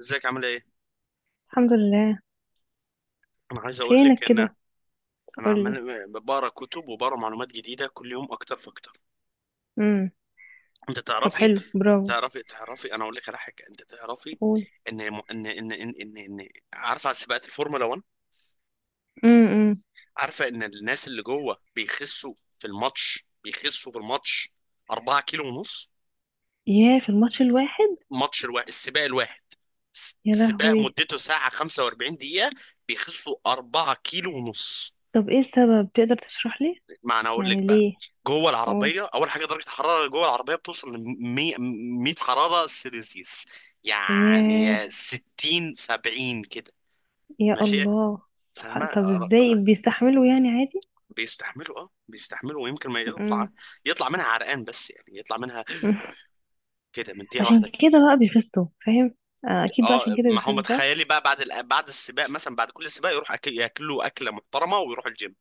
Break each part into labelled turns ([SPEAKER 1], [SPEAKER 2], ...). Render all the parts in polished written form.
[SPEAKER 1] ازيك عامل ايه؟
[SPEAKER 2] الحمد لله.
[SPEAKER 1] انا عايز اقول
[SPEAKER 2] فينك
[SPEAKER 1] لك
[SPEAKER 2] كده؟
[SPEAKER 1] انا
[SPEAKER 2] قولي.
[SPEAKER 1] عمال بقرا كتب وبقرا معلومات جديده كل يوم اكتر فاكتر،
[SPEAKER 2] امم.
[SPEAKER 1] انت
[SPEAKER 2] طب
[SPEAKER 1] تعرفي.
[SPEAKER 2] حلو، برافو.
[SPEAKER 1] انا اقول لك على حاجه، انت تعرفي
[SPEAKER 2] قول.
[SPEAKER 1] ان ان ان ان إن عارفه على سباقات الفورمولا 1.
[SPEAKER 2] امم امم.
[SPEAKER 1] عارفه ان الناس اللي جوه بيخسوا في الماتش 4 كيلو ونص،
[SPEAKER 2] ياه، في الماتش الواحد؟
[SPEAKER 1] الماتش الواحد، السباق الواحد.
[SPEAKER 2] يا
[SPEAKER 1] السباق
[SPEAKER 2] لهوي.
[SPEAKER 1] مدته ساعه 45 دقيقه، بيخسوا 4 كيلو ونص.
[SPEAKER 2] طب ايه السبب؟ تقدر تشرح لي
[SPEAKER 1] ما انا اقول لك
[SPEAKER 2] يعني
[SPEAKER 1] بقى.
[SPEAKER 2] ليه؟
[SPEAKER 1] جوه
[SPEAKER 2] قول.
[SPEAKER 1] العربيه، اول حاجه درجه الحراره جوه العربيه بتوصل ل 100 حراره سيلسيوس،
[SPEAKER 2] ياه.
[SPEAKER 1] يعني 60 70 كده.
[SPEAKER 2] يا
[SPEAKER 1] ماشي،
[SPEAKER 2] الله. طب
[SPEAKER 1] فاهمه؟
[SPEAKER 2] طب ازاي
[SPEAKER 1] ر-
[SPEAKER 2] بيستحملوا؟ يعني عادي؟
[SPEAKER 1] بيستحملوا، اه بيستحملوا، ويمكن ما
[SPEAKER 2] امم.
[SPEAKER 1] يطلع منها عرقان، بس يعني يطلع منها كده، مديها
[SPEAKER 2] عشان
[SPEAKER 1] واحده كده.
[SPEAKER 2] كده بقى بيفزتوا، فاهم؟ آه، اكيد بقى عشان
[SPEAKER 1] اه،
[SPEAKER 2] كده
[SPEAKER 1] ما هو
[SPEAKER 2] بيفزتوا، صح.
[SPEAKER 1] متخيلي بقى بعد بعد السباق، مثلا بعد كل سباق يروح، ياكلوا اكله محترمه ويروح الجيم.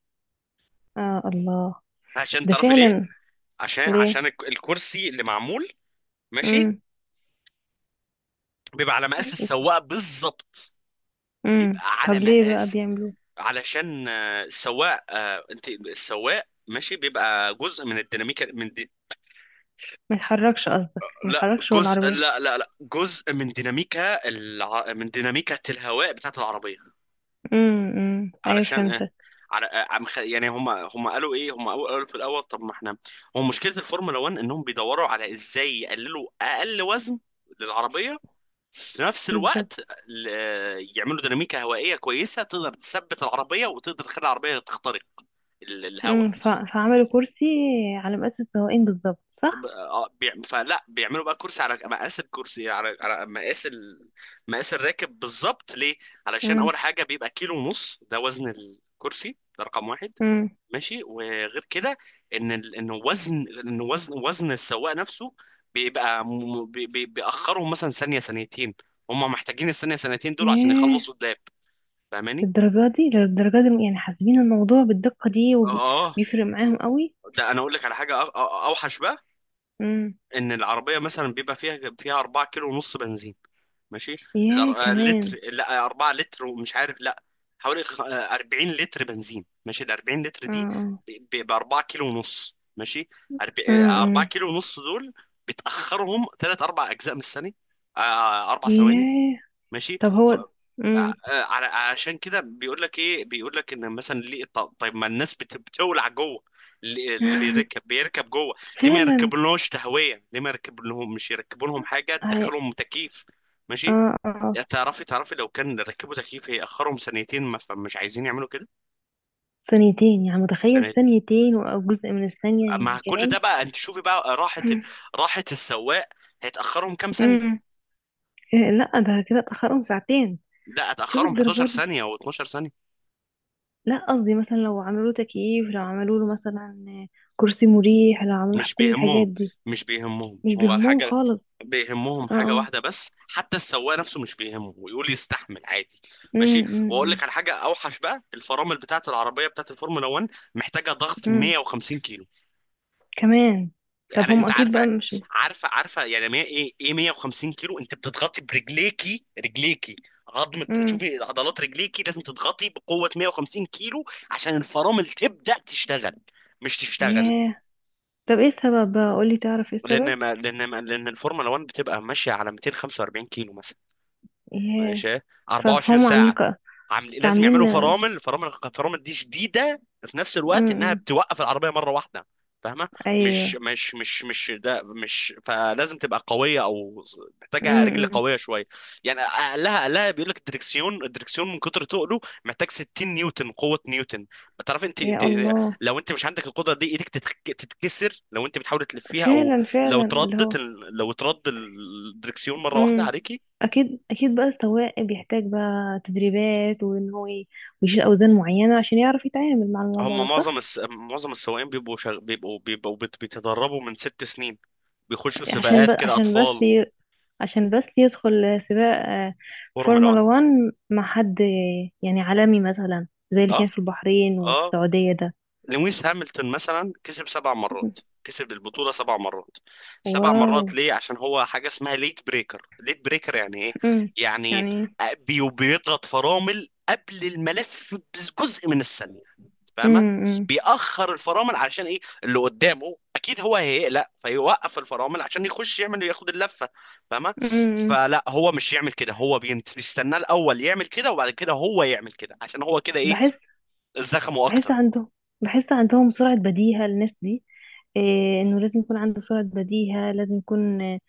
[SPEAKER 2] آه الله.
[SPEAKER 1] عشان
[SPEAKER 2] ده
[SPEAKER 1] تعرفي
[SPEAKER 2] فعلا.
[SPEAKER 1] ليه؟
[SPEAKER 2] ليه؟
[SPEAKER 1] عشان الكرسي اللي معمول ماشي
[SPEAKER 2] امم
[SPEAKER 1] بيبقى على مقاس السواق بالظبط. بيبقى
[SPEAKER 2] امم. طب
[SPEAKER 1] على
[SPEAKER 2] ليه بقى
[SPEAKER 1] مقاس
[SPEAKER 2] بيعملوا؟
[SPEAKER 1] علشان السواق، انت السواق ماشي بيبقى جزء من الديناميكا،
[SPEAKER 2] ما يتحركش قصدك، ما
[SPEAKER 1] لا،
[SPEAKER 2] يتحركش هو
[SPEAKER 1] جزء
[SPEAKER 2] العربية؟
[SPEAKER 1] لا لا لا جزء من ديناميكا الهواء بتاعت العربية.
[SPEAKER 2] ايوه،
[SPEAKER 1] علشان
[SPEAKER 2] فهمتك.
[SPEAKER 1] على يعني هم قالوا ايه، هم قالوا في الاول، طب ما احنا هو مشكلة الفورمولا 1 انهم بيدوروا على ازاي يقللوا اقل وزن للعربية، في نفس
[SPEAKER 2] بالظبط.
[SPEAKER 1] الوقت يعملوا ديناميكا هوائيه كويسه تقدر تثبت العربيه وتقدر تخلي العربيه تخترق الهواء.
[SPEAKER 2] امم ف... فعملوا كرسي على مقاس السواقين بالظبط، صح؟
[SPEAKER 1] فلا بيعملوا بقى كرسي على مقاس الكرسي، على مقاس مقاس الراكب بالظبط. ليه؟ علشان
[SPEAKER 2] امم
[SPEAKER 1] اول حاجه بيبقى كيلو ونص، ده وزن الكرسي، ده رقم واحد.
[SPEAKER 2] امم.
[SPEAKER 1] ماشي، وغير كده ان وزن السواق نفسه بيبقى بيأخرهم مثلا ثانيه، ثانيتين. هم محتاجين الثانيه ثانيتين دول عشان
[SPEAKER 2] ياه.
[SPEAKER 1] يخلصوا قدام. فاهماني؟
[SPEAKER 2] بالدرجه دي، للدرجه دي يعني حاسبين الموضوع بالدقه دي
[SPEAKER 1] اه. آه.
[SPEAKER 2] وبيفرق معاهم قوي؟
[SPEAKER 1] ده انا اقول لك على حاجه اوحش بقى.
[SPEAKER 2] امم.
[SPEAKER 1] ان العربيه مثلا بيبقى فيها 4 كيلو ونص بنزين، ماشي.
[SPEAKER 2] ياه، كمان.
[SPEAKER 1] لتر، لا، 4 لتر، ومش عارف، لا، حوالي 40 لتر بنزين، ماشي. ال 40 لتر
[SPEAKER 2] اه
[SPEAKER 1] دي
[SPEAKER 2] اه.
[SPEAKER 1] ب 4 كيلو ونص، ماشي.
[SPEAKER 2] امم
[SPEAKER 1] 4
[SPEAKER 2] امم.
[SPEAKER 1] كيلو ونص دول بتاخرهم ثلاث اربع اجزاء من الثانيه، اربع ثواني.
[SPEAKER 2] ياه.
[SPEAKER 1] ماشي
[SPEAKER 2] طب
[SPEAKER 1] ف...
[SPEAKER 2] هو. امم.
[SPEAKER 1] عشان كده بيقول لك ايه؟ بيقول لك ان مثلا ليه، طيب، ما الناس بتولع جوه، اللي بيركب جوه، ليه ما
[SPEAKER 2] فعلا.
[SPEAKER 1] يركبلناش تهويه؟ ليه ما يركبلهم، مش يركبولهم حاجه
[SPEAKER 2] هي-
[SPEAKER 1] تدخلهم تكييف؟ ماشي.
[SPEAKER 2] اه اه. آه.
[SPEAKER 1] يا تعرفي لو كان ركبوا تكييف هيأخرهم ثانيتين، ما فمش عايزين يعملوا كده.
[SPEAKER 2] ثانيتين؟ يعني متخيل
[SPEAKER 1] ثانيتين،
[SPEAKER 2] ثانيتين او جزء من الثانيه،
[SPEAKER 1] مع
[SPEAKER 2] يعني
[SPEAKER 1] كل ده
[SPEAKER 2] كلام.
[SPEAKER 1] بقى انت شوفي بقى راحه راحه السواق، هيتأخرهم كام ثانيه؟
[SPEAKER 2] امم. إيه، لا ده كده اتأخرهم ساعتين.
[SPEAKER 1] لا،
[SPEAKER 2] شوف
[SPEAKER 1] اتأخرهم 11
[SPEAKER 2] الدرجات دي.
[SPEAKER 1] ثانيه او 12 ثانيه.
[SPEAKER 2] لا قصدي مثلا لو عملوا تكييف، لو عملوا له مثلا كرسي مريح، لو عملوا
[SPEAKER 1] مش
[SPEAKER 2] كل
[SPEAKER 1] بيهمهم
[SPEAKER 2] الحاجات دي.
[SPEAKER 1] مش بيهمهم،
[SPEAKER 2] مش
[SPEAKER 1] هو
[SPEAKER 2] بيهمهم
[SPEAKER 1] الحاجة
[SPEAKER 2] خالص.
[SPEAKER 1] بيهمهم
[SPEAKER 2] اه
[SPEAKER 1] حاجة
[SPEAKER 2] اه.
[SPEAKER 1] واحدة بس، حتى السواق نفسه مش بيهمه، ويقول يستحمل عادي. ماشي، واقول لك
[SPEAKER 2] امم.
[SPEAKER 1] على حاجة اوحش بقى. الفرامل بتاعت العربية بتاعت الفورمولا 1 محتاجة ضغط
[SPEAKER 2] امم،
[SPEAKER 1] 150 كيلو.
[SPEAKER 2] كمان. طب هم
[SPEAKER 1] انت
[SPEAKER 2] اكيد بقى مش.
[SPEAKER 1] عارفة يعني مية ايه ايه 150 كيلو؟ انت بتضغطي برجليكي، رجليكي عظمة،
[SPEAKER 2] امم.
[SPEAKER 1] شوفي عضلات رجليكي لازم تضغطي بقوة 150 كيلو عشان الفرامل تبدأ تشتغل، مش تشتغل.
[SPEAKER 2] ياه. طب ايه السبب بقى؟ قولي، تعرف ايه
[SPEAKER 1] لان
[SPEAKER 2] السبب؟
[SPEAKER 1] ما لان ما لان الفورمولا 1 بتبقى ماشيه على 245 كيلو مثلا،
[SPEAKER 2] ياه.
[SPEAKER 1] ماشي. 24
[SPEAKER 2] فهم عاملين
[SPEAKER 1] ساعة عامل لازم
[SPEAKER 2] فعاملين.
[SPEAKER 1] يعملوا
[SPEAKER 2] امم.
[SPEAKER 1] فرامل، فرامل فرامل دي شديدة، في نفس الوقت انها
[SPEAKER 2] أمم.
[SPEAKER 1] بتوقف العربية مرة واحدة. فاهمة؟
[SPEAKER 2] ايوه.
[SPEAKER 1] مش ده، مش، فلازم تبقى قوية، او محتاجة
[SPEAKER 2] امم.
[SPEAKER 1] رجل
[SPEAKER 2] أمم.
[SPEAKER 1] قوية شوية. يعني اقلها، اقلها بيقول لك الدركسيون، الدركسيون من كتر تقله محتاج 60 نيوتن قوة، نيوتن. تعرف انت
[SPEAKER 2] يا الله.
[SPEAKER 1] لو انت مش عندك القدرة دي ايدك تتكسر لو انت بتحاول تلفيها، او
[SPEAKER 2] فعلا فعلا اللي هو.
[SPEAKER 1] لو ترد الدركسيون مرة واحدة
[SPEAKER 2] امم.
[SPEAKER 1] عليكي.
[SPEAKER 2] اكيد اكيد بقى السواق بيحتاج بقى تدريبات وان هو ويشيل اوزان معينه عشان يعرف يتعامل مع الموضوع
[SPEAKER 1] هم
[SPEAKER 2] ده، صح.
[SPEAKER 1] معظم السواقين بيبقوا شغ... بيبقوا بيبقوا بيت- بيتدربوا من ست سنين، بيخشوا
[SPEAKER 2] عشان
[SPEAKER 1] سباقات
[SPEAKER 2] بس
[SPEAKER 1] كده
[SPEAKER 2] عشان بس
[SPEAKER 1] اطفال،
[SPEAKER 2] ي... عشان بس يدخل سباق آه،
[SPEAKER 1] فورمولا
[SPEAKER 2] فورمولا
[SPEAKER 1] 1.
[SPEAKER 2] 1 مع حد آه، يعني عالمي مثلا زي اللي
[SPEAKER 1] اه.
[SPEAKER 2] كان في البحرين وفي
[SPEAKER 1] اه.
[SPEAKER 2] السعوديه ده.
[SPEAKER 1] لويس هامilton مثلا كسب سبع مرات، كسب البطولة سبع مرات. سبع
[SPEAKER 2] واو.
[SPEAKER 1] مرات ليه؟ عشان هو حاجة اسمها ليت بريكر. ليت بريكر يعني ايه؟
[SPEAKER 2] امم.
[SPEAKER 1] يعني
[SPEAKER 2] يعني.
[SPEAKER 1] بيضغط فرامل قبل الملف بجزء من الثانية. فاهمه؟
[SPEAKER 2] امم
[SPEAKER 1] بيأخر الفرامل، علشان ايه؟ اللي قدامه اكيد هو هيقلق فيوقف الفرامل عشان يخش، يعمل، ياخد اللفه. فاهمه؟
[SPEAKER 2] امم.
[SPEAKER 1] فلا هو مش يعمل كده، هو بيستناه الاول يعمل كده، وبعد كده هو يعمل كده عشان هو كده ايه،
[SPEAKER 2] بحس.
[SPEAKER 1] زخمه
[SPEAKER 2] بحس
[SPEAKER 1] اكتر.
[SPEAKER 2] عندهم. بحس عندهم سرعة بديهة، الناس دي. إيه، انه لازم يكون عنده سرعة بديهة، لازم يكون آه،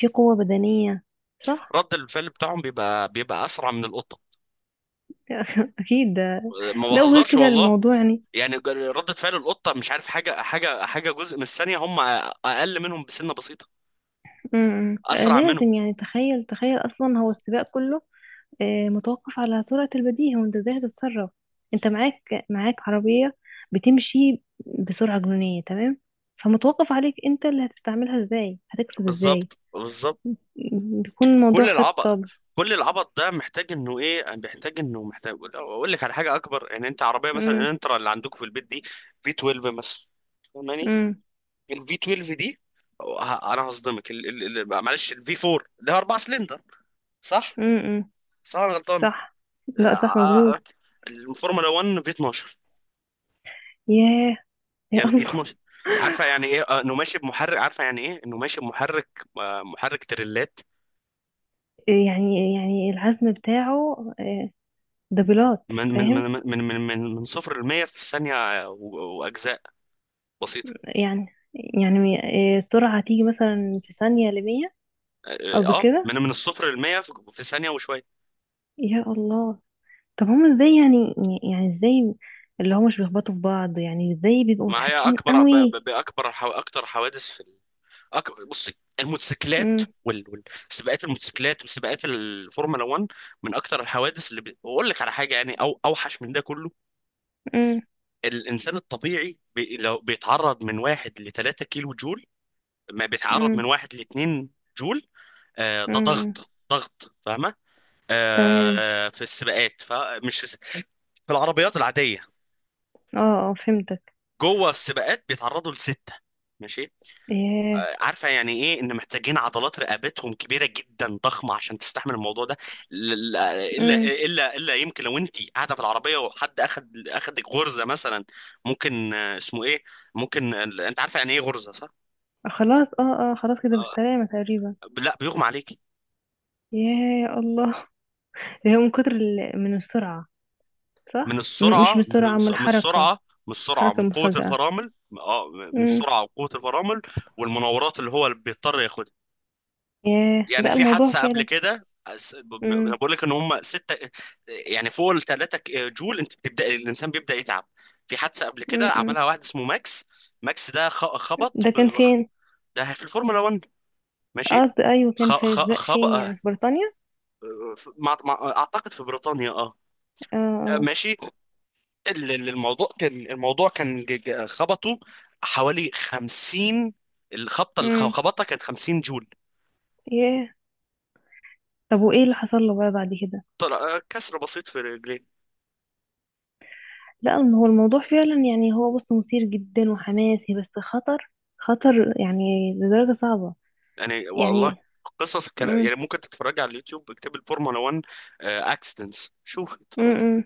[SPEAKER 2] في قوة بدنية، صح.
[SPEAKER 1] رد الفعل بتاعهم بيبقى اسرع من القطه.
[SPEAKER 2] أكيد ده.
[SPEAKER 1] ما
[SPEAKER 2] لو غير
[SPEAKER 1] بهزرش
[SPEAKER 2] كده
[SPEAKER 1] والله.
[SPEAKER 2] الموضوع يعني.
[SPEAKER 1] يعني ردة فعل القطة، مش عارف، حاجة جزء من الثانية، هم أقل منهم بسنة بسيطة،
[SPEAKER 2] م- م. آه،
[SPEAKER 1] أسرع
[SPEAKER 2] لازم.
[SPEAKER 1] منهم.
[SPEAKER 2] يعني تخيل، تخيل أصلا هو السباق كله آه، متوقف على سرعة البديهة وأنت إزاي هتتصرف. أنت معاك عربية بتمشي بسرعة جنونية، تمام. فمتوقف عليك أنت اللي هتستعملها إزاي، هتكسب إزاي.
[SPEAKER 1] بالظبط بالظبط.
[SPEAKER 2] بيكون الموضوع
[SPEAKER 1] كل العبط،
[SPEAKER 2] خطة.
[SPEAKER 1] كل العبط ده محتاج انه ايه، محتاج انه، محتاج اقول لك على حاجه اكبر. يعني انت عربيه مثلا،
[SPEAKER 2] م-
[SPEAKER 1] الانترا اللي عندك في البيت دي في 12 مثلا، فاهماني؟
[SPEAKER 2] م-
[SPEAKER 1] الفي 12 دي، انا هصدمك، معلش، الفي 4 اللي هي 4 سلندر، صح؟
[SPEAKER 2] م- م.
[SPEAKER 1] صح، انا غلطان.
[SPEAKER 2] صح. لا صح،
[SPEAKER 1] آه، آه،
[SPEAKER 2] مظبوط.
[SPEAKER 1] الفورمولا 1 في 12.
[SPEAKER 2] ياه. يا
[SPEAKER 1] يعني
[SPEAKER 2] الله.
[SPEAKER 1] 12، عارفه يعني ايه انه ماشي بمحرك، عارفه يعني ايه انه ماشي بمحرك محرك تريلات.
[SPEAKER 2] يعني يعني العزم بتاعه آه، دبلات، فاهم.
[SPEAKER 1] من صفر ل 100 في ثانيه واجزاء بسيطه.
[SPEAKER 2] يعني يعني آه، السرعة هتيجي مثلا في ثانية لمية.
[SPEAKER 1] اه،
[SPEAKER 2] قصدك كده.
[SPEAKER 1] من الصفر للمية في ثانية وشوية.
[SPEAKER 2] يا الله. طب هما ازاي يعني؟ يعني ازاي اللي هما مش بيخبطوا في بعض يعني؟ ازاي بيبقوا
[SPEAKER 1] ما هي
[SPEAKER 2] متحكمين
[SPEAKER 1] اكبر
[SPEAKER 2] قوي؟
[SPEAKER 1] اكتر حوادث في بصي، الموتوسيكلات
[SPEAKER 2] امم.
[SPEAKER 1] سباقات الموتوسيكلات وسباقات الفورمولا 1 من اكتر الحوادث اللي واقول لك على حاجة يعني، او اوحش من ده كله.
[SPEAKER 2] امم.
[SPEAKER 1] الانسان الطبيعي لو بيتعرض من واحد ل 3 كيلو جول، ما بيتعرض
[SPEAKER 2] امم.
[SPEAKER 1] من واحد ل 2 جول. آه، ده
[SPEAKER 2] امم.
[SPEAKER 1] ضغط، ضغط. فاهمة؟ آه.
[SPEAKER 2] تمام.
[SPEAKER 1] آه. في السباقات، فمش في العربيات العادية،
[SPEAKER 2] اه اه، فهمتك.
[SPEAKER 1] جوه السباقات بيتعرضوا لستة، ماشي.
[SPEAKER 2] ياه.
[SPEAKER 1] عارفة يعني ايه ان محتاجين عضلات رقبتهم كبيرة جدا، ضخمة عشان تستحمل الموضوع ده.
[SPEAKER 2] امم.
[SPEAKER 1] الا يمكن لو انت قاعدة في العربية وحد اخدك غرزة مثلا، ممكن اسمه ايه، ممكن انت عارفة يعني ايه غرزة؟ صح؟
[SPEAKER 2] خلاص، اه اه، خلاص كده
[SPEAKER 1] آه،
[SPEAKER 2] بالسلامة تقريبا.
[SPEAKER 1] لا، بيغمى عليكي.
[SPEAKER 2] ياه، يا الله. هي من كتر من السرعة.
[SPEAKER 1] من
[SPEAKER 2] صح، مش من
[SPEAKER 1] السرعة،
[SPEAKER 2] السرعة، من الحركة.
[SPEAKER 1] من السرعة،
[SPEAKER 2] حركة
[SPEAKER 1] من قوة
[SPEAKER 2] مفاجأة.
[SPEAKER 1] الفرامل. اه، من
[SPEAKER 2] امم.
[SPEAKER 1] السرعة وقوة الفرامل، والمناورات اللي بيضطر ياخدها.
[SPEAKER 2] ياه،
[SPEAKER 1] يعني
[SPEAKER 2] ده
[SPEAKER 1] في
[SPEAKER 2] الموضوع
[SPEAKER 1] حادثة قبل
[SPEAKER 2] فعلا.
[SPEAKER 1] كده انا
[SPEAKER 2] امم
[SPEAKER 1] بقول لك ان هم ستة يعني، فوق ال 3 جول انت بتبدا الانسان بيبدا يتعب. في حادثة قبل كده
[SPEAKER 2] امم.
[SPEAKER 1] عملها واحد اسمه ماكس. ماكس ده خبط،
[SPEAKER 2] ده كان فين؟
[SPEAKER 1] ده في الفورمولا 1، ماشي.
[SPEAKER 2] قصدي ايوه، كان في السباق
[SPEAKER 1] خبط،
[SPEAKER 2] فين يعني؟ في بريطانيا؟
[SPEAKER 1] اعتقد في بريطانيا، اه،
[SPEAKER 2] اه اه.
[SPEAKER 1] ماشي. الموضوع كان خبطه حوالي 50. الخبطة اللي
[SPEAKER 2] امم.
[SPEAKER 1] خبطها كانت 50 جول.
[SPEAKER 2] ياه. طب وايه اللي حصل له بقى بعد كده؟
[SPEAKER 1] طلع كسر بسيط في رجليه،
[SPEAKER 2] لا ما هو الموضوع فعلا يعني، هو بص مثير جدا وحماسي بس خطر. خطر يعني لدرجة صعبة.
[SPEAKER 1] يعني والله
[SPEAKER 2] يعني.
[SPEAKER 1] قصص. كان يعني
[SPEAKER 2] امم.
[SPEAKER 1] ممكن تتفرج على اليوتيوب، اكتب الفورمولا 1 اكسيدنتس، شوف، اتفرج.
[SPEAKER 2] امم.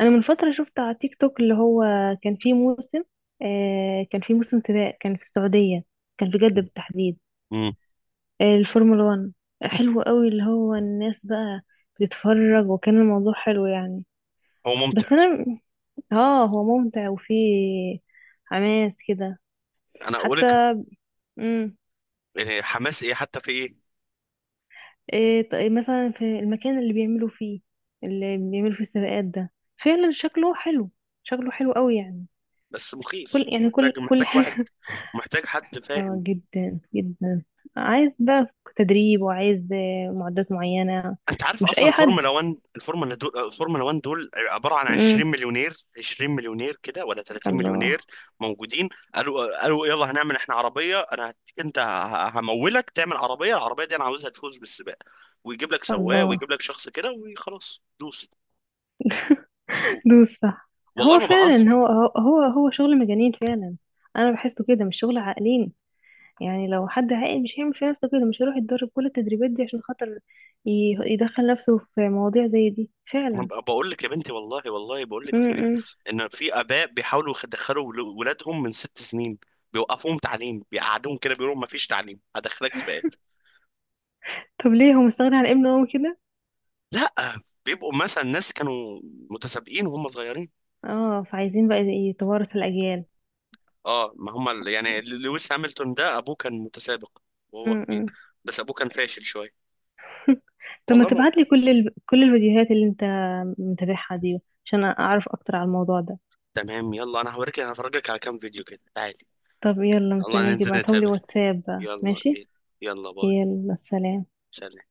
[SPEAKER 2] انا من فترة شفت على تيك توك اللي هو كان فيه موسم. آه كان فيه موسم سباق، كان في السعودية، كان في جدة بالتحديد.
[SPEAKER 1] مم.
[SPEAKER 2] الفورمولا 1. حلو قوي اللي هو الناس بقى بتتفرج، وكان الموضوع حلو يعني.
[SPEAKER 1] هو ممتع.
[SPEAKER 2] بس انا. اه، هو ممتع وفيه حماس كده.
[SPEAKER 1] انا اقول
[SPEAKER 2] حتى.
[SPEAKER 1] لك
[SPEAKER 2] امم.
[SPEAKER 1] يعني حماس ايه، حتى في ايه؟
[SPEAKER 2] إيه، طيب مثلا في المكان اللي بيعملوا فيه، اللي بيعملوا فيه السباقات ده، فعلا شكله حلو، شكله حلو قوي يعني.
[SPEAKER 1] بس
[SPEAKER 2] كل
[SPEAKER 1] مخيف،
[SPEAKER 2] يعني كل
[SPEAKER 1] محتاج،
[SPEAKER 2] كل
[SPEAKER 1] واحد
[SPEAKER 2] حاجة.
[SPEAKER 1] محتاج حد
[SPEAKER 2] اه،
[SPEAKER 1] فاهم.
[SPEAKER 2] جدا جدا. عايز بقى تدريب، وعايز آه، معدات معينة.
[SPEAKER 1] انت عارف
[SPEAKER 2] مش
[SPEAKER 1] اصلا
[SPEAKER 2] اي حد.
[SPEAKER 1] الفورمولا 1؟ الفورمولا 1 دول عباره عن
[SPEAKER 2] امم.
[SPEAKER 1] 20 مليونير، 20 مليونير كده، ولا 30 مليونير
[SPEAKER 2] الله.
[SPEAKER 1] موجودين. قالوا يلا هنعمل احنا عربيه، انا انت همولك تعمل عربيه، العربيه دي انا عاوزها تفوز بالسباق، ويجيب لك سواق
[SPEAKER 2] الله.
[SPEAKER 1] ويجيب لك شخص كده وخلاص، دوس.
[SPEAKER 2] دوس، صح.
[SPEAKER 1] والله
[SPEAKER 2] هو
[SPEAKER 1] ما بهزر.
[SPEAKER 2] فعلا هو هو هو هو شغل مجانين فعلا. انا بحسه كده مش شغل عاقلين. يعني لو حد عاقل مش هيعمل في نفسه كده، مش هيروح يتدرب كل التدريبات دي عشان خاطر يدخل نفسه في مواضيع زي دي
[SPEAKER 1] ما
[SPEAKER 2] فعلا.
[SPEAKER 1] بقول لك يا بنتي، والله والله بقول
[SPEAKER 2] م
[SPEAKER 1] لك
[SPEAKER 2] -م.
[SPEAKER 1] ان في اباء بيحاولوا يدخلوا ولادهم من ست سنين، بيوقفوهم تعليم، بيقعدوهم كده، بيقولوا ما فيش تعليم، هدخلك سباق.
[SPEAKER 2] طب ليه هو مستغني عن ابنه قوي كده؟
[SPEAKER 1] لا، بيبقوا مثلا ناس كانوا متسابقين وهم صغيرين.
[SPEAKER 2] اه، فعايزين بقى يتوارث الاجيال.
[SPEAKER 1] اه، ما هم يعني لويس هامilton ده ابوه كان متسابق
[SPEAKER 2] م
[SPEAKER 1] وهو كبير،
[SPEAKER 2] -م.
[SPEAKER 1] بس ابوه كان فاشل شويه.
[SPEAKER 2] طب ما
[SPEAKER 1] والله ما.
[SPEAKER 2] تبعت لي كل الفيديوهات اللي انت متابعها دي عشان اعرف اكتر على الموضوع ده.
[SPEAKER 1] تمام يلا، انا هوريك، هفرجك على كام فيديو كده، تعالي.
[SPEAKER 2] طب يلا،
[SPEAKER 1] يلا
[SPEAKER 2] مستنيك
[SPEAKER 1] ننزل
[SPEAKER 2] ابعتهم لي
[SPEAKER 1] نتقابل.
[SPEAKER 2] واتساب بقى،
[SPEAKER 1] يلا
[SPEAKER 2] ماشي.
[SPEAKER 1] بينا. يلا باي.
[SPEAKER 2] يلا سلام.
[SPEAKER 1] سلام.